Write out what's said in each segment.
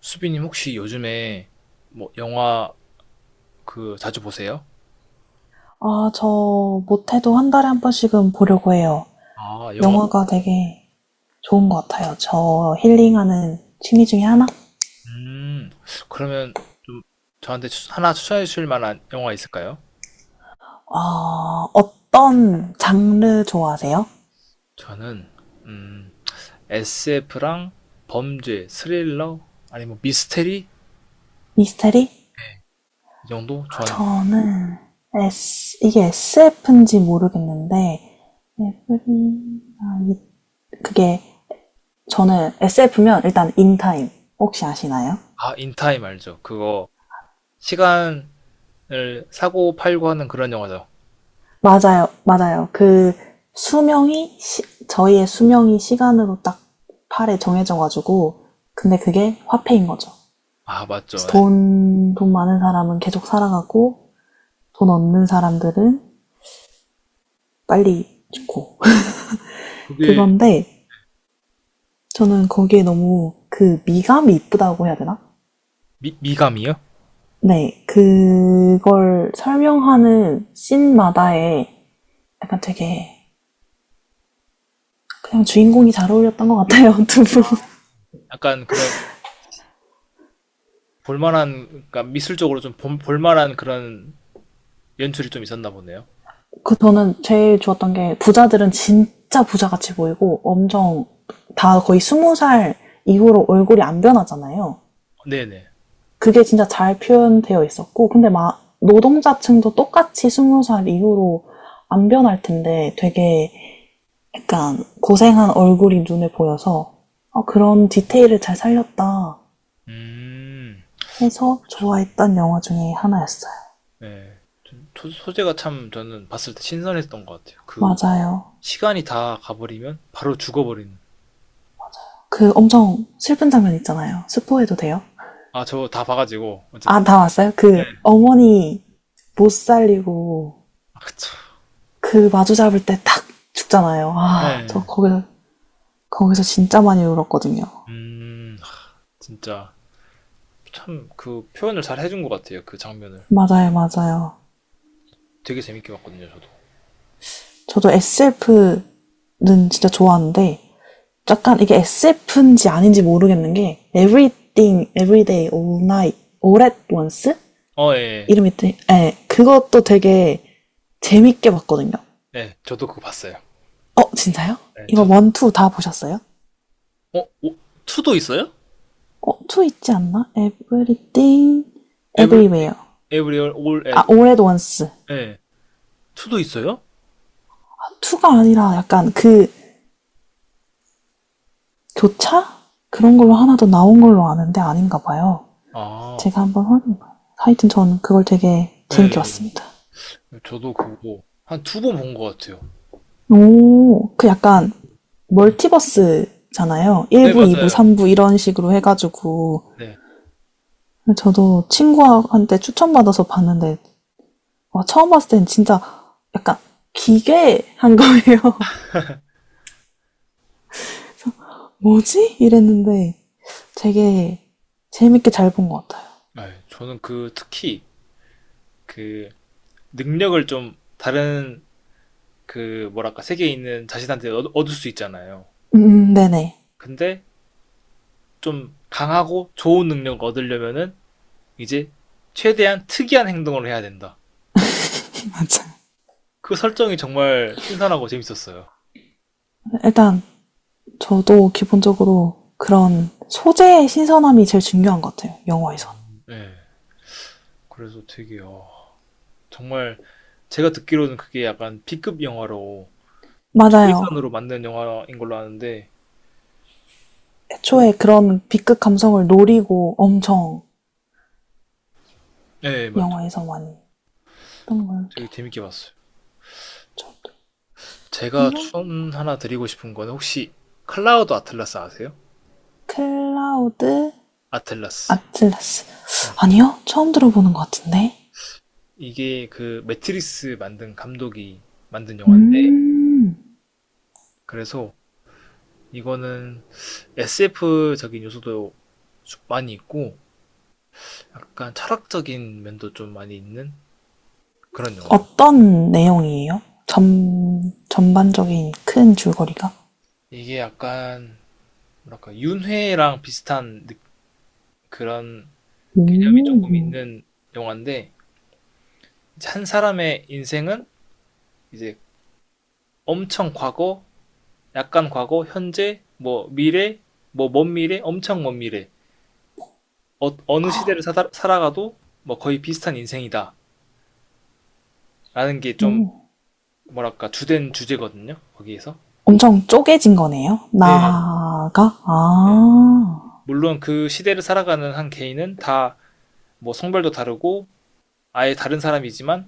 수빈님 혹시 요즘에 뭐 영화 그 자주 보세요? 저 못해도 한 달에 한 번씩은 보려고 해요. 아, 영화. 영화가 되게 좋은 것 같아요. 저 힐링하는 취미 중에 하나? 음, 그러면 좀 저한테 하나 추천해 주실 만한 영화 있을까요? 아, 어떤 장르 좋아하세요? 저는 음, SF랑 범죄, 스릴러 아니면 미스테리? 미스테리? 네. 이 정도 아, 좋아하는 거. 저는 이게 SF인지 모르겠는데, 에브리나잇 그게 저는 SF면 일단 인타임 혹시 아시나요? 아, 인타임 알죠? 그거 시간을 사고 팔고 하는 그런 영화죠. 맞아요, 맞아요. 그 수명이 시- 저희의 수명이 시간으로 딱 팔에 정해져 가지고 근데 그게 화폐인 거죠. 아, 그래서 맞죠. 네. 돈 많은 사람은 계속 살아가고 돈 없는 사람들은 빨리 죽고 그게 그건데 저는 거기에 너무 그 미감이 이쁘다고 해야 되나? 미감이요? 네, 그걸 설명하는 씬마다에 약간 되게 그냥 주인공이 잘 어울렸던 것 같아요, 두 분. 약간 그런 볼만한, 그러니까 미술적으로 좀 볼만한 그런 연출이 좀 있었나 보네요. 그 저는 제일 좋았던 게 부자들은 진짜 부자같이 보이고 엄청 다 거의 스무 살 이후로 얼굴이 안 변하잖아요. 네네. 그게 진짜 잘 표현되어 있었고, 근데 막 노동자층도 똑같이 스무 살 이후로 안 변할 텐데 되게 약간 고생한 얼굴이 눈에 보여서 어, 그런 디테일을 잘 살렸다 음, 해서 그쵸. 좋아했던 영화 중에 하나였어요. 네. 좀 소재가 참 저는 봤을 때 신선했던 것 같아요. 그 맞아요. 시간이 다 가버리면 바로 죽어버리는. 그 엄청 슬픈 장면 있잖아요. 스포해도 돼요? 아, 저 다 봐가지고 아, 어쨌든. 다 왔어요? 그 네. 어머니 못 살리고 아, 그쵸. 그 마주 잡을 때 탁 죽잖아요. 아, 저 네. 거기서 진짜 많이 울었거든요. 아, 진짜 참 그 표현을 잘 해준 것 같아요. 그 장면을 맞아요, 맞아요. 되게 재밌게 봤거든요. 저도. 저도 SF는 진짜 좋아하는데 약간 이게 SF인지 아닌지 모르겠는 게 Everything, Everyday, All Night, All at Once 어, 예. 예. 이름이 예, 그것도 되게 재밌게 봤거든요. 네, 저도 그거 봤어요. 어, 진짜요? 네, 이거 저도. 원, 투 다 보셨어요? 어, 오, 투도 있어요? 어, 투 있지 않나? Everything, 에브리 Everywhere. 에브리얼 올 앳. 아, All at Once. 예. 투도 있어요? 투가 아니라 약간 그 교차? 그런 걸로 하나 더 나온 걸로 아는데 아닌가 봐요. 아, 제가 한번 확인해 봐요. 하여튼 저는 그걸 되게 예. 재밌게 예. 봤습니다. 저도 그거 한 두 번 본 것 같아요. 오, 그 약간 음. 멀티버스잖아요. 네, 1부, 2부, 맞아요. 3부 이런 식으로 해가지고. 네. 저도 친구한테 추천받아서 봤는데, 와, 처음 봤을 땐 진짜 약간 기괴한 거예요. 뭐지? 이랬는데 되게 재밌게 잘 본 것 같아요. 아, 저는 그 특히 그 능력을 좀 다른 그 뭐랄까 세계에 있는 자신한테 얻을 수 있잖아요. 네네. 근데 좀 강하고 좋은 능력을 얻으려면은 이제 최대한 특이한 행동을 해야 된다. 맞아. 그 설정이 정말 신선하고 재밌었어요. 일단 저도 기본적으로 그런 소재의 신선함이 제일 중요한 것 같아요. 영화에선. 네. 그래서 되게 어, 정말 제가 듣기로는 그게 약간 B급 영화로 맞아요. 최선으로 만든 영화인 걸로 아는데 애초에 그런 B급 감성을 노리고 엄청 네, 맞죠. 영화에서 많이 했던 걸 되게 기억. 재밌게 봤어요. 저도 제가 이런 추천 하나 드리고 싶은 거는 혹시 클라우드 아틀라스 아세요? 클라우드 아틀라스. 아틀라스 네. 아니요 처음 들어보는 것 같은데 이게 그 매트리스 만든 감독이 만든 영화인데 음, 그래서 이거는 SF적인 요소도 좀 많이 있고 약간 철학적인 면도 좀 많이 있는 그런 영화예요. 어떤 내용이에요? 전반적인 큰 줄거리가? 이게 약간 뭐랄까 윤회랑 비슷한 그런 개념이 조금 있는 영화인데 이제 한 사람의 인생은 이제 엄청 과거, 약간 과거, 현재, 뭐 미래, 뭐 먼 미래, 엄청 먼 미래. 어, 느 시대를 살아가도 뭐 거의 비슷한 인생이다라는 게 좀 뭐랄까 주된 주제거든요. 거기에서. 엄청 쪼개진 거네요? 네 나가? 네. 아, 물론 그 시대를 살아가는 한 개인은 다 뭐 성별도 다르고 아예 다른 사람이지만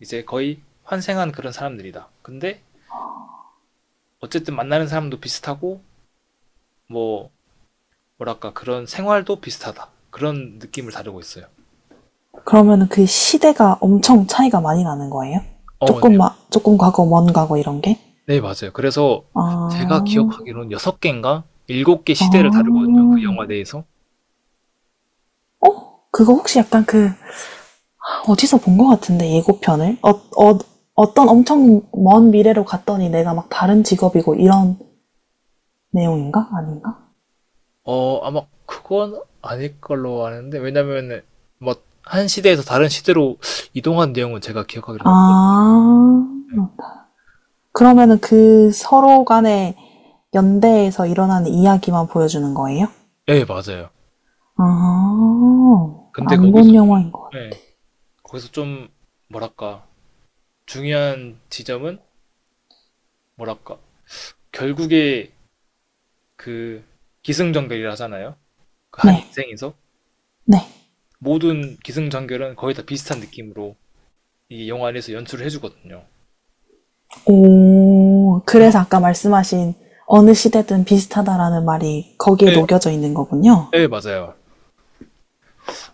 이제 거의 환생한 그런 사람들이다. 근데 어쨌든 만나는 사람도 비슷하고 뭐 뭐랄까 그런 생활도 비슷하다. 그런 느낌을 다루고 있어요. 그러면 그 시대가 엄청 차이가 많이 나는 거예요? 어, 네. 조금 과거, 먼 과거 이런 게? 네, 맞아요. 그래서 아, 제가 기억하기로는 6 개인가 7개 아. 시대를 다루거든요, 그 영화 내에서. 그거 혹시 약간 그, 어디서 본 것 같은데, 예고편을? 어, 어, 어떤 엄청 먼 미래로 갔더니 내가 막 다른 직업이고 이런 내용인가? 아닌가? 어 아마 그건 아닐 걸로 아는데 왜냐면은 뭐 한 시대에서 다른 시대로 이동한 내용은 제가 기억하기로는 없 아. 그러면은 그 서로 간의 연대에서 일어나는 이야기만 보여주는 거예요? 예, 맞아요. 아, 근데 안 거기서 본 영화인 것 같아요. 예. 거기서 좀 뭐랄까 중요한 지점은 뭐랄까 결국에 그 기승전결이라 하잖아요. 그 한 네, 인생에서 네. 모든 기승전결은 거의 다 비슷한 느낌으로 이 영화 안에서 연출을 해 주거든요. 오, 그만 그래서 아까 말씀하신 어느 시대든 비슷하다라는 말이 거기에 예 녹여져 있는 거군요. 네, 맞아요.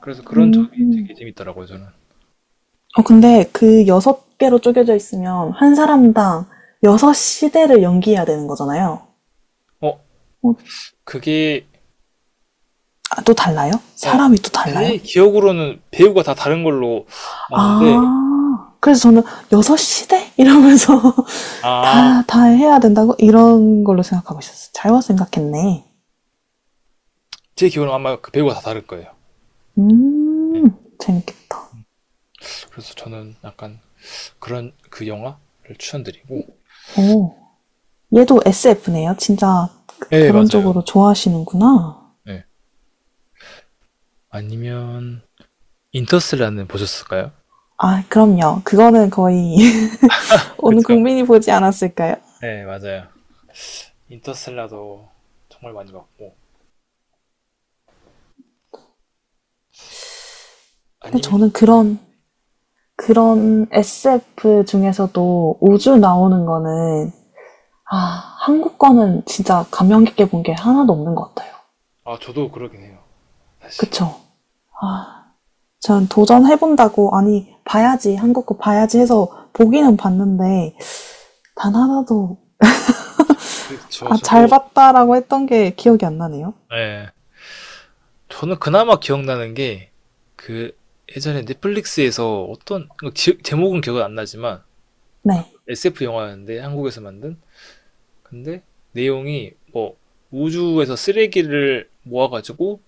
그래서 그런 점이 되게 재밌더라고요, 저는. 어, 근데 그 여섯 개로 쪼개져 있으면 한 사람당 여섯 시대를 연기해야 되는 거잖아요. 어, 그게, 아, 또 달라요? 예, 사람이 또 달라요? 제 기억으로는 배우가 다 다른 걸로 아는데, 아, 그래서 저는 여섯 시대 이러면서 아, 다 해야 된다고? 이런 걸로 생각하고 있었어요. 잘못 생각했네. 제 기억으로는 아마 그 배우가 다 다를 거예요. 예, 재밌겠다. 그래서 저는 약간 그런 그 영화를 추천드리고, 오, 얘도 SF네요. 진짜 네, 그런 맞아요. 쪽으로 좋아하시는구나. 예. 아니면, 인터스텔라는 보셨을까요? 아, 그럼요. 그거는 거의 온 그쵸? 국민이 보지 않았을까요? 네, 맞아요. 인터스텔라도 정말 많이 봤고, 근데 아니면, 저는 그런 SF 중에서도 우주 나오는 거는, 아, 한국 거는 진짜 감명 깊게 본 게 하나도 없는 것 같아요. 아, 저도 그러긴 해요, 사실. 그쵸. 전 도전해본다고, 아니, 봐야지, 한국 거 봐야지 해서 보기는 봤는데, 단 하나도, 아, 잘 저도, 봤다라고 했던 게 기억이 안 나네요. 예. 저는 그나마 기억나는 게 그 예전에 넷플릭스에서 어떤 그 제목은 기억은 안 나지만 네. SF 영화였는데 한국에서 만든 근데 내용이 뭐 우주에서 쓰레기를 모아가지고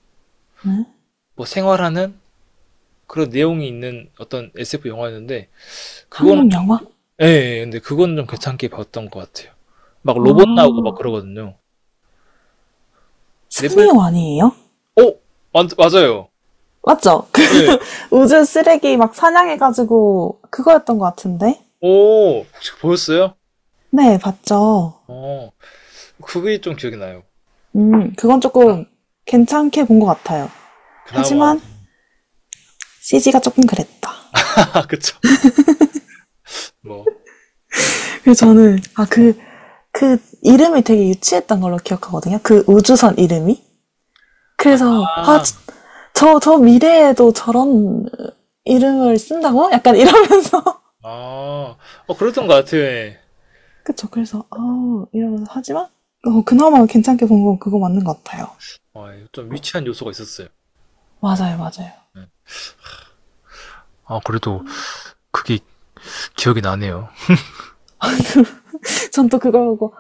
뭐 생활하는 그런 내용이 있는 어떤 SF 영화였는데 그거는 한국 좀 영화? 예, 예, 예. 근데 그거는 좀 괜찮게 봤던 것 같아요. 막 아, 로봇 나오고 막 그러거든요. 넷플릭스 승리원이에요? 오 맞아요. 맞죠? 그 네. 우주 쓰레기 막 사냥해가지고, 그거였던 것 같은데? 오 혹시 보셨어요? 네, 봤죠. 어 그게 좀 기억이 나요. 그건 조금 괜찮게 본 것 같아요. 그나마 하지만, CG가 조금 그랬다. 아 그쵸. 뭐. 그래서 저는, 아, 그, 그 이름이 되게 유치했던 걸로 기억하거든요. 그 우주선 이름이. 그래서 아, 아, 저 미래에도 저런 이름을 쓴다고? 약간 이러면서. 아, 어, 그랬던 것 같아. 그쵸. 그래서 아, 이러면서 하지만 어, 그나마 괜찮게 본 건 그거 맞는 것 같아요. 어, 좀 유치한 요소가 있었어요. 네, 맞아요, 맞아요. 네. 아, 그래도 그게 기억이 나네요. 전 또 그걸 보고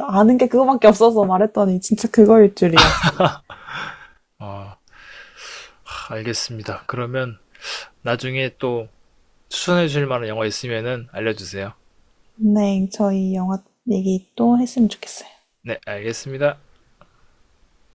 아는 게 그거밖에 없어서 말했더니 진짜 그거일 줄이야. 아, 알겠습니다. 그러면 나중에 또 추천해 주실 만한 영화 있으면은 알려주세요. 네, 저희 영화 얘기 또 했으면 좋겠어요. 네, 알겠습니다.